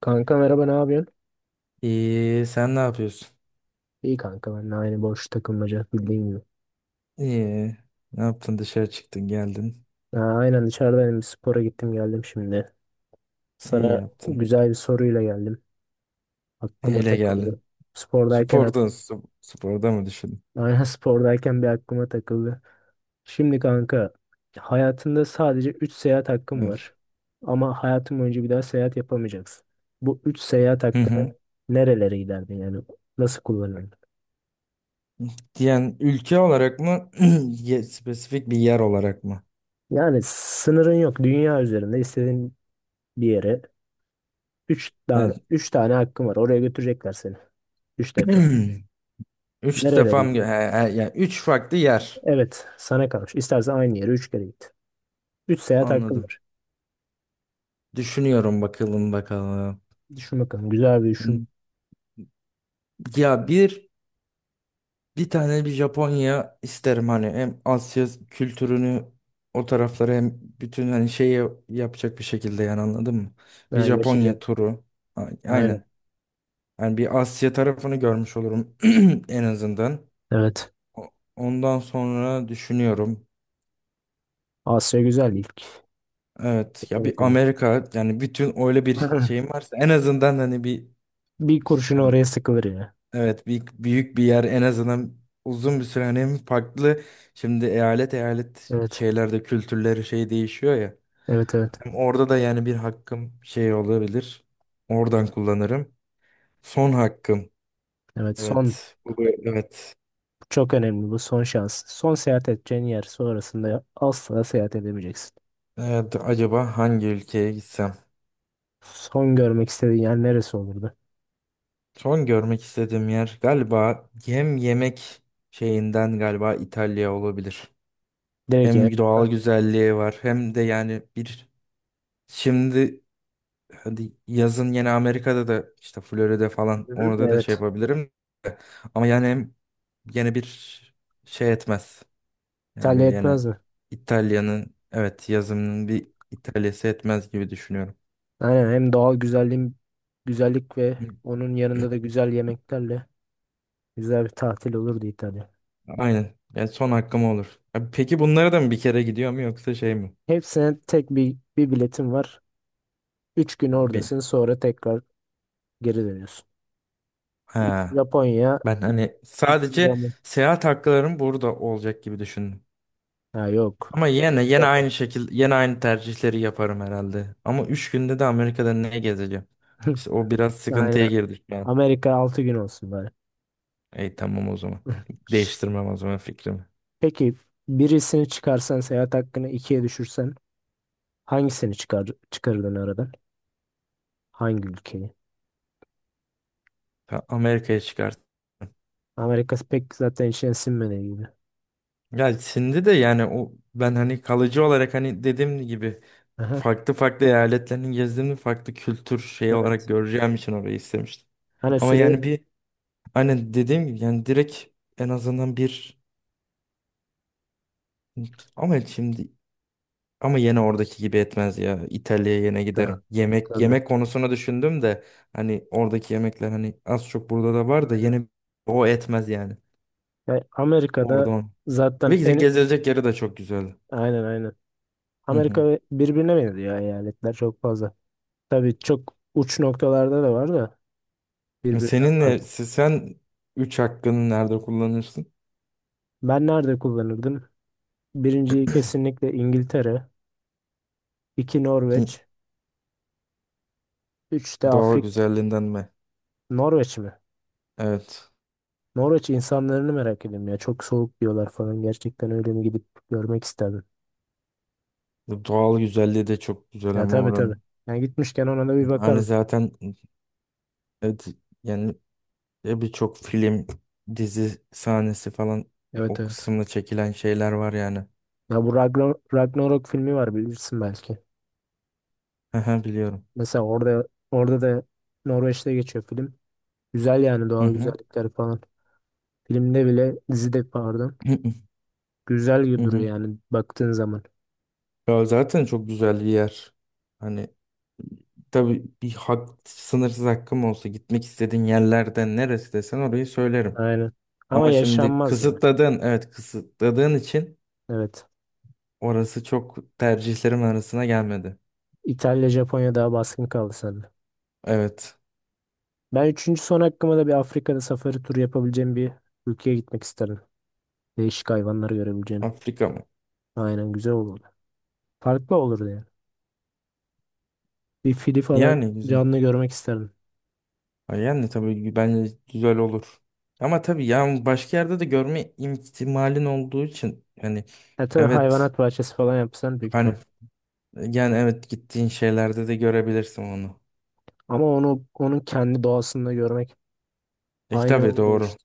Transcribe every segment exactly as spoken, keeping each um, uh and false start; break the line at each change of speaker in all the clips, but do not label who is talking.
Kanka merhaba ne yapıyorsun?
İyi, sen ne yapıyorsun?
İyi kanka ben de aynı boş takılmaca bildiğin gibi.
İyi. Ne yaptın? Dışarı çıktın, geldin.
Ha, aynen dışarıdayım bir spora gittim geldim şimdi.
İyi
Sana
yaptın.
güzel bir soruyla geldim. Aklıma
Neyle geldin?
takıldı. Spordayken ak-
Sporda, sp- sporda mı düşündün?
aynen spordayken bir aklıma takıldı. Şimdi kanka hayatında sadece üç seyahat hakkın
Evet.
var. Ama hayatın boyunca bir daha seyahat yapamayacaksın. Bu üç seyahat
Hı hı.
hakkını nerelere giderdin yani? Nasıl kullanırdın?
Yani ülke olarak mı? Ye- Spesifik bir yer olarak mı?
Yani sınırın yok. Dünya üzerinde istediğin bir yere. Üç tane,
Evet.
üç tane hakkım var. Oraya götürecekler seni. Üç defa.
Üç
Nerelere
defam. He,
gittin?
he, yani üç farklı yer.
Evet, sana kalmış. İstersen aynı yere üç kere git. Üç seyahat hakkım
Anladım.
var.
Düşünüyorum bakalım bakalım.
Düşün bakalım. Güzel bir düşün.
Ya bir Bir tane bir Japonya isterim, hani hem Asya kültürünü, o taraflara, hem bütün hani şeyi yapacak bir şekilde, yani anladın mı? Bir
Ha,
Japonya
yaşayacak.
turu. A-
Aynen.
Aynen. Yani bir Asya tarafını görmüş olurum en azından.
Evet.
O- Ondan sonra düşünüyorum.
Asya güzel ilk.
Evet, ya bir
Seçenek olan.
Amerika, yani bütün öyle bir şeyim varsa en azından hani bir
Bir kurşun
yani.
oraya sıkılır ya.
Evet, büyük, büyük bir yer, en azından uzun bir süre, hani hem farklı şimdi eyalet eyalet
Evet.
şeylerde kültürleri şey değişiyor ya.
Evet evet.
Hem orada da yani bir hakkım şey olabilir. Oradan kullanırım. Son hakkım.
Evet. Son
Evet. Bu bu- evet.
çok önemli bu son şans. Son seyahat edeceğin yer sonrasında asla seyahat edemeyeceksin.
Evet, acaba hangi ülkeye gitsem?
Son görmek istediğin yer neresi olurdu?
Son görmek istediğim yer galiba hem yemek şeyinden galiba İtalya olabilir.
Direkt yani.
Hem doğal
Ha.
güzelliği var hem de yani bir şimdi, hadi yazın yine Amerika'da da işte Florida'da falan,
Hı hı.
orada da şey
Evet.
yapabilirim. Ama yani hem yine bir şey etmez. Yani
İtalya
bir yine
etmez mi?
İtalya'nın, evet, yazımının, bir İtalya'sı etmez gibi düşünüyorum.
Aynen hem doğal güzelliğin, güzellik ve
Hı.
onun yanında da güzel yemeklerle güzel bir tatil olurdu İtalya.
Aynen. Yani son hakkım olur. Abi, peki bunlara da mı bir kere gidiyor, mu yoksa şey mi?
Hepsine tek bir, bir biletim var. Üç gün
Yani
oradasın
bir
sonra tekrar geri dönüyorsun. İlk
ha,
Japonya,
ben hani
ikinci
sadece
Amerika.
seyahat haklarım burada olacak gibi düşündüm.
Ha yok.
Ama yine
İlk
yine
defa.
aynı şekil, yine aynı tercihleri yaparım herhalde. Ama üç günde de Amerika'da ne gezeceğim? İşte o biraz sıkıntıya
Aynen.
girdik şu an.
Amerika altı gün olsun bari.
Ey, tamam o zaman. Değiştirmem o zaman fikrimi.
Peki birisini çıkarsan seyahat hakkını ikiye düşürsen hangisini çıkar, çıkarırdın aradan? Hangi ülkeyi?
Ta- Amerika'ya çıkart.
Amerika pek zaten içine sinmediği gibi.
Ya şimdi de yani o ben hani kalıcı olarak, hani dediğim gibi,
Aha.
farklı farklı eyaletlerini gezdiğimde farklı kültür şeyi
Evet.
olarak göreceğim için orayı istemiştim.
Hani
Ama
süre.
yani bir, aynen dediğim gibi, yani direkt en azından bir, ama şimdi, ama yine oradaki gibi etmez ya. İtalya'ya yine giderim. Yemek
Tabii.
yemek konusunu düşündüm de hani oradaki yemekler hani az çok burada da var da
Aynen.
yine o etmez yani.
Ya Amerika'da
Orada on. Ve
zaten
geze-
en,
gezilecek yeri de çok güzel.
aynen aynen.
Hı
Amerika
hı.
ve- birbirine benziyor eyaletler çok fazla. Tabii çok uç noktalarda da var da birbirinden
Seninle
farklı.
sen üç hakkını nerede kullanırsın?
Ben nerede kullanırdım? Birinciyi kesinlikle İngiltere, iki
Hı,
Norveç, üç de
doğal
Afrik.
güzelliğinden mi?
Norveç mi?
Evet.
Norveç insanlarını merak ediyorum ya. Çok soğuk diyorlar falan. Gerçekten öyle mi gidip görmek isterdim.
Bu doğal güzelliği de çok güzel
Ya
ama
tabii tabii.
oranın.
Yani gitmişken ona da bir
Hani
bakarım.
zaten, evet, yani e birçok film, dizi sahnesi falan
Evet
o
evet.
kısımda çekilen şeyler var yani.
Ya bu Ragnar- Ragnarok filmi var bilirsin belki.
Hı hı, biliyorum.
Mesela orada orada da Norveç'te geçiyor film. Güzel yani
Hı
doğal
hı.
güzellikler falan. Filmde bile, dizide pardon.
Hı hı. Hı
Güzel duruyor
hı.
yani baktığın zaman.
Ya zaten çok güzel bir yer. Hani tabii, bir hak, sınırsız hakkım olsa gitmek istediğin yerlerden neresi desen orayı söylerim.
Aynen. Ama
Ama şimdi
yaşanmaz ya.
kısıtladığın, evet, kısıtladığın için
Evet.
orası çok tercihlerim arasına gelmedi.
İtalya, Japonya daha baskın kaldı sende.
Evet.
Ben üçüncü son hakkıma da bir Afrika'da safari turu yapabileceğim bir ülkeye gitmek isterim. Değişik hayvanları görebileceğim.
Afrika mı?
Aynen güzel olurdu. Farklı olurdu yani. Bir fili falan
Yani güzel.
canlı görmek isterim.
Ha, yani tabii bence güzel olur. Ama tabii yani başka yerde de görme ihtimalin olduğu için hani
E tabii
evet,
hayvanat bahçesi falan yapsan büyük ihtimal.
hani yani evet gittiğin şeylerde de görebilirsin onu.
Ama onu onun kendi doğasında görmek
E
aynı
tabii,
olurmuş
doğru.
işte.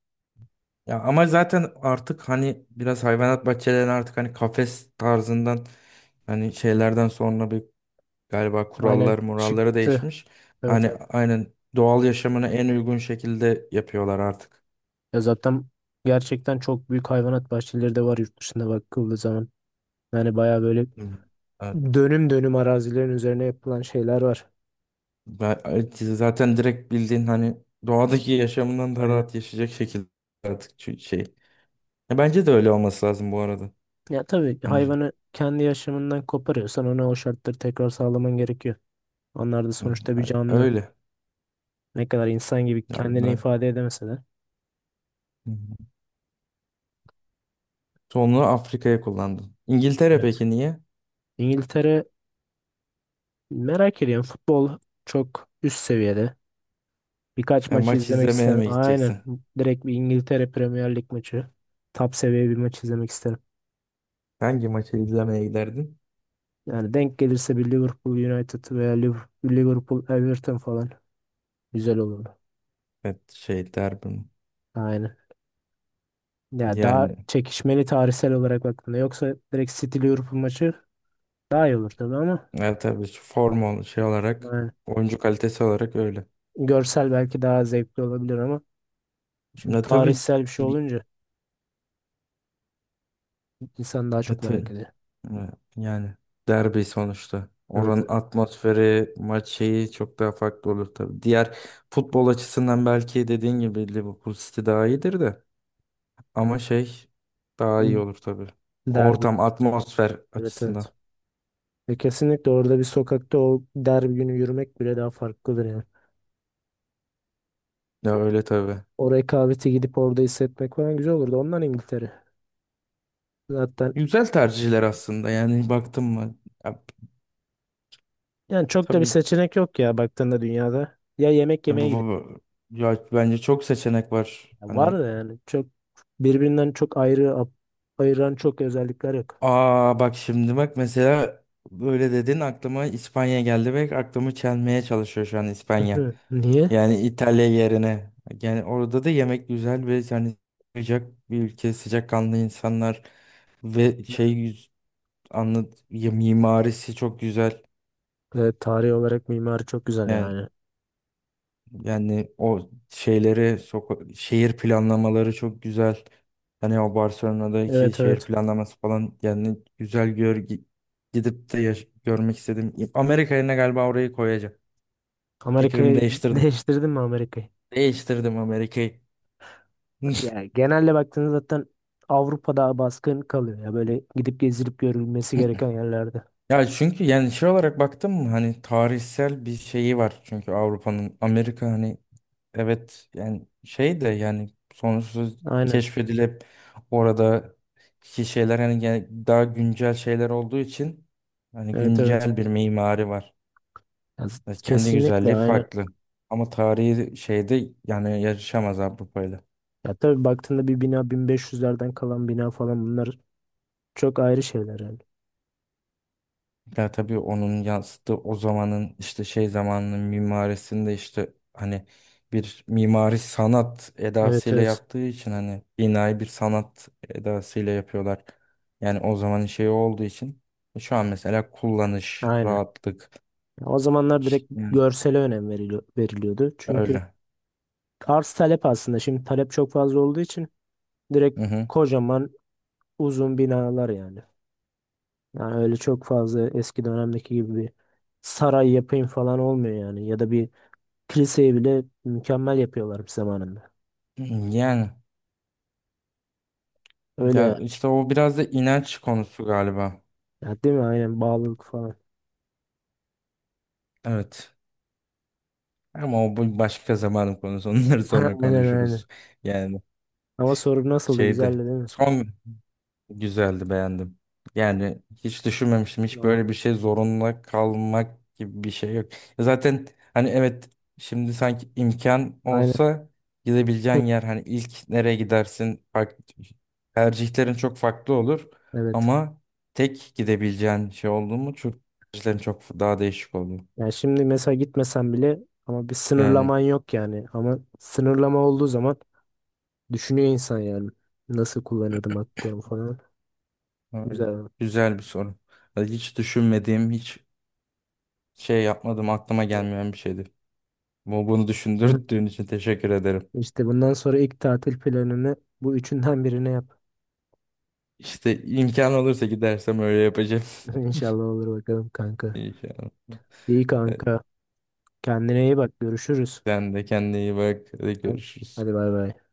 Ya ama zaten artık hani biraz hayvanat bahçelerine, artık hani kafes tarzından, hani şeylerden sonra bir, galiba kurallar
Aynen
muralları
çıktı.
değişmiş.
Evet
Hani
evet.
aynen doğal yaşamına en uygun şekilde yapıyorlar artık.
Ya zaten gerçekten çok büyük hayvanat bahçeleri de var yurt dışında bakıldığı zaman. Yani baya böyle
Hı.
dönüm dönüm arazilerin üzerine yapılan şeyler var.
Ben zaten direkt bildiğin hani doğadaki yaşamından daha
Aynen.
rahat yaşayacak şekilde artık, çü- şey. Ya bence de öyle olması lazım bu arada.
Ya tabii
Hani
hayvanı kendi yaşamından koparıyorsan ona o şartları tekrar sağlaman gerekiyor. Onlar da
hı,
sonuçta bir canlı.
öyle.
Ne kadar insan gibi
Ya
kendini
ben,
ifade edemese de.
hı, hı. Sonra Afrika'ya kullandım. İngiltere
Evet.
peki niye?
İngiltere merak ediyorum. Futbol çok üst seviyede. Birkaç
Ya
maçı
maç
izlemek
izlemeye
isterim.
mi
Aynen.
gideceksin?
Direkt bir İngiltere Premier Lig maçı. Top seviye bir maç izlemek isterim.
Hangi maçı izlemeye giderdin?
Yani denk gelirse bir Liverpool United veya Liv- Liverpool Everton falan güzel olurdu.
Evet, şey, derbi mi?
Aynen. Ya daha
Yani
çekişmeli tarihsel olarak baktığında. Yoksa direkt City Liverpool maçı daha iyi olur tabii ama
ya tabii, şu formal şey olarak,
yani
oyuncu kalitesi olarak öyle.
görsel belki daha zevkli olabilir ama şimdi
Ya tabii
tarihsel bir şey olunca insan daha
ya,
çok merak ediyor.
evet, yani derbi sonuçta.
Evet
Oranın
evet.
atmosferi, maç şeyi çok daha farklı olur tabii. Diğer futbol açısından belki dediğin gibi Liverpool City daha iyidir de. Ama şey daha iyi
Hı.
olur tabii.
Derbi.
Ortam, atmosfer
Evet
açısından.
evet. E kesinlikle orada bir sokakta o derbi günü yürümek bile daha farklıdır yani.
Ya öyle tabii.
O rekabeti gidip orada hissetmek falan güzel olurdu. Ondan İngiltere. Zaten
Güzel tercihler aslında, yani baktım mı? Ya
yani çok da bir
tabii.
seçenek yok ya baktığında dünyada. Ya yemek yemeye
bu, bu-
gidelim.
bu- Ya bence çok seçenek var.
Ya var
Hani,
da yani çok birbirinden çok ayrı, ap- ayıran çok özellikler yok.
aa, bak şimdi, bak mesela, böyle dedin aklıma İspanya geldi ve aklımı çelmeye çalışıyor şu an İspanya.
Hı. Niye?
Yani İtalya yerine. Yani orada da yemek güzel ve yani sıcak bir ülke, sıcakkanlı insanlar ve şey, yüz- anlat ya, mimarisi çok güzel.
Evet, tarih olarak mimari çok güzel
Yani
yani.
Yani o şeyleri, soka- şehir planlamaları çok güzel. Hani o Barcelona'daki
Evet
şehir
evet.
planlaması falan, yani güzel, gör gi- gidip de yaş- görmek istedim. Amerika yerine galiba orayı koyacağım. Fikrimi
Amerika'yı
değiştirdim.
değiştirdin mi Amerika'yı?
Değiştirdim Amerika'yı.
Ya genelde baktığınız zaten Avrupa'da baskın kalıyor ya böyle gidip gezilip görülmesi gereken yerlerde.
Ya çünkü yani şey olarak baktım mı hani tarihsel bir şeyi var çünkü Avrupa'nın, Amerika hani, evet, yani şey de yani sonuçta
Aynen.
keşfedilip orada ki şeyler hani, gene- daha güncel şeyler olduğu için hani
Evet evet.
güncel bir mimari var.
Ya z-
Yani kendi
kesinlikle
güzelliği
aynen.
farklı. Ama tarihi şeyde yani yarışamaz Avrupa'yla.
Ya tabii baktığında bir bina bin beş yüzlerden kalan bina falan bunlar çok ayrı şeyler yani.
Ya tabii onun yansıttığı o zamanın işte şey, zamanının mimarisinde işte hani, bir mimari sanat
Evet
edasıyla
evet.
yaptığı için hani, binayı bir sanat edasıyla yapıyorlar. Yani o zamanın şeyi olduğu için şu an mesela kullanış,
Aynen.
rahatlık,
Ya o zamanlar direkt
yani
görsele önem veriliyor, veriliyordu. Çünkü
öyle.
arz talep aslında şimdi talep çok fazla olduğu için
Hı
direkt
hı.
kocaman uzun binalar yani. Yani öyle çok fazla eski dönemdeki gibi bir saray yapayım falan olmuyor yani. Ya da bir kiliseyi bile mükemmel yapıyorlar zamanında.
Yani
Öyle
ya
ya.
işte o biraz da inanç konusu galiba.
Ya değil mi? Aynen bağlılık falan.
Evet. Ama o bu başka zamanın konusu. Onları sonra
Aynen aynen.
konuşuruz. Yani
Ama soru nasıldı? Güzeldi
şeydi
değil mi?
son. Güzeldi, beğendim. Yani hiç düşünmemiştim. Hiç
Ha,
böyle bir şey zorunda kalmak gibi bir şey yok. Zaten hani, evet, şimdi sanki imkan
aynen.
olsa gidebileceğin yer hani ilk nereye gidersin, fark- tercihlerin çok farklı olur
Evet.
ama tek gidebileceğin şey oldu mu çok, tercihlerin çok daha değişik olur.
Yani şimdi mesela gitmesen bile ama bir
Yani
sınırlaman yok yani. Ama sınırlama olduğu zaman düşünüyor insan yani. Nasıl kullanırdım haklarımı falan.
evet,
Güzel.
güzel bir soru. Yani hiç düşünmediğim, hiç şey yapmadım, aklıma
Evet.
gelmeyen bir şeydi. Bu- Bunu düşündürdüğün için teşekkür ederim.
İşte bundan sonra ilk tatil planını bu üçünden birine yap.
İşte imkan olursa gidersem öyle yapacağım.
İnşallah olur bakalım kanka.
İmkan.
İyi
Evet,
kanka. Kendine iyi bak. Görüşürüz.
sen de kendine iyi bak. Hadi görüşürüz.
Hadi bay bay.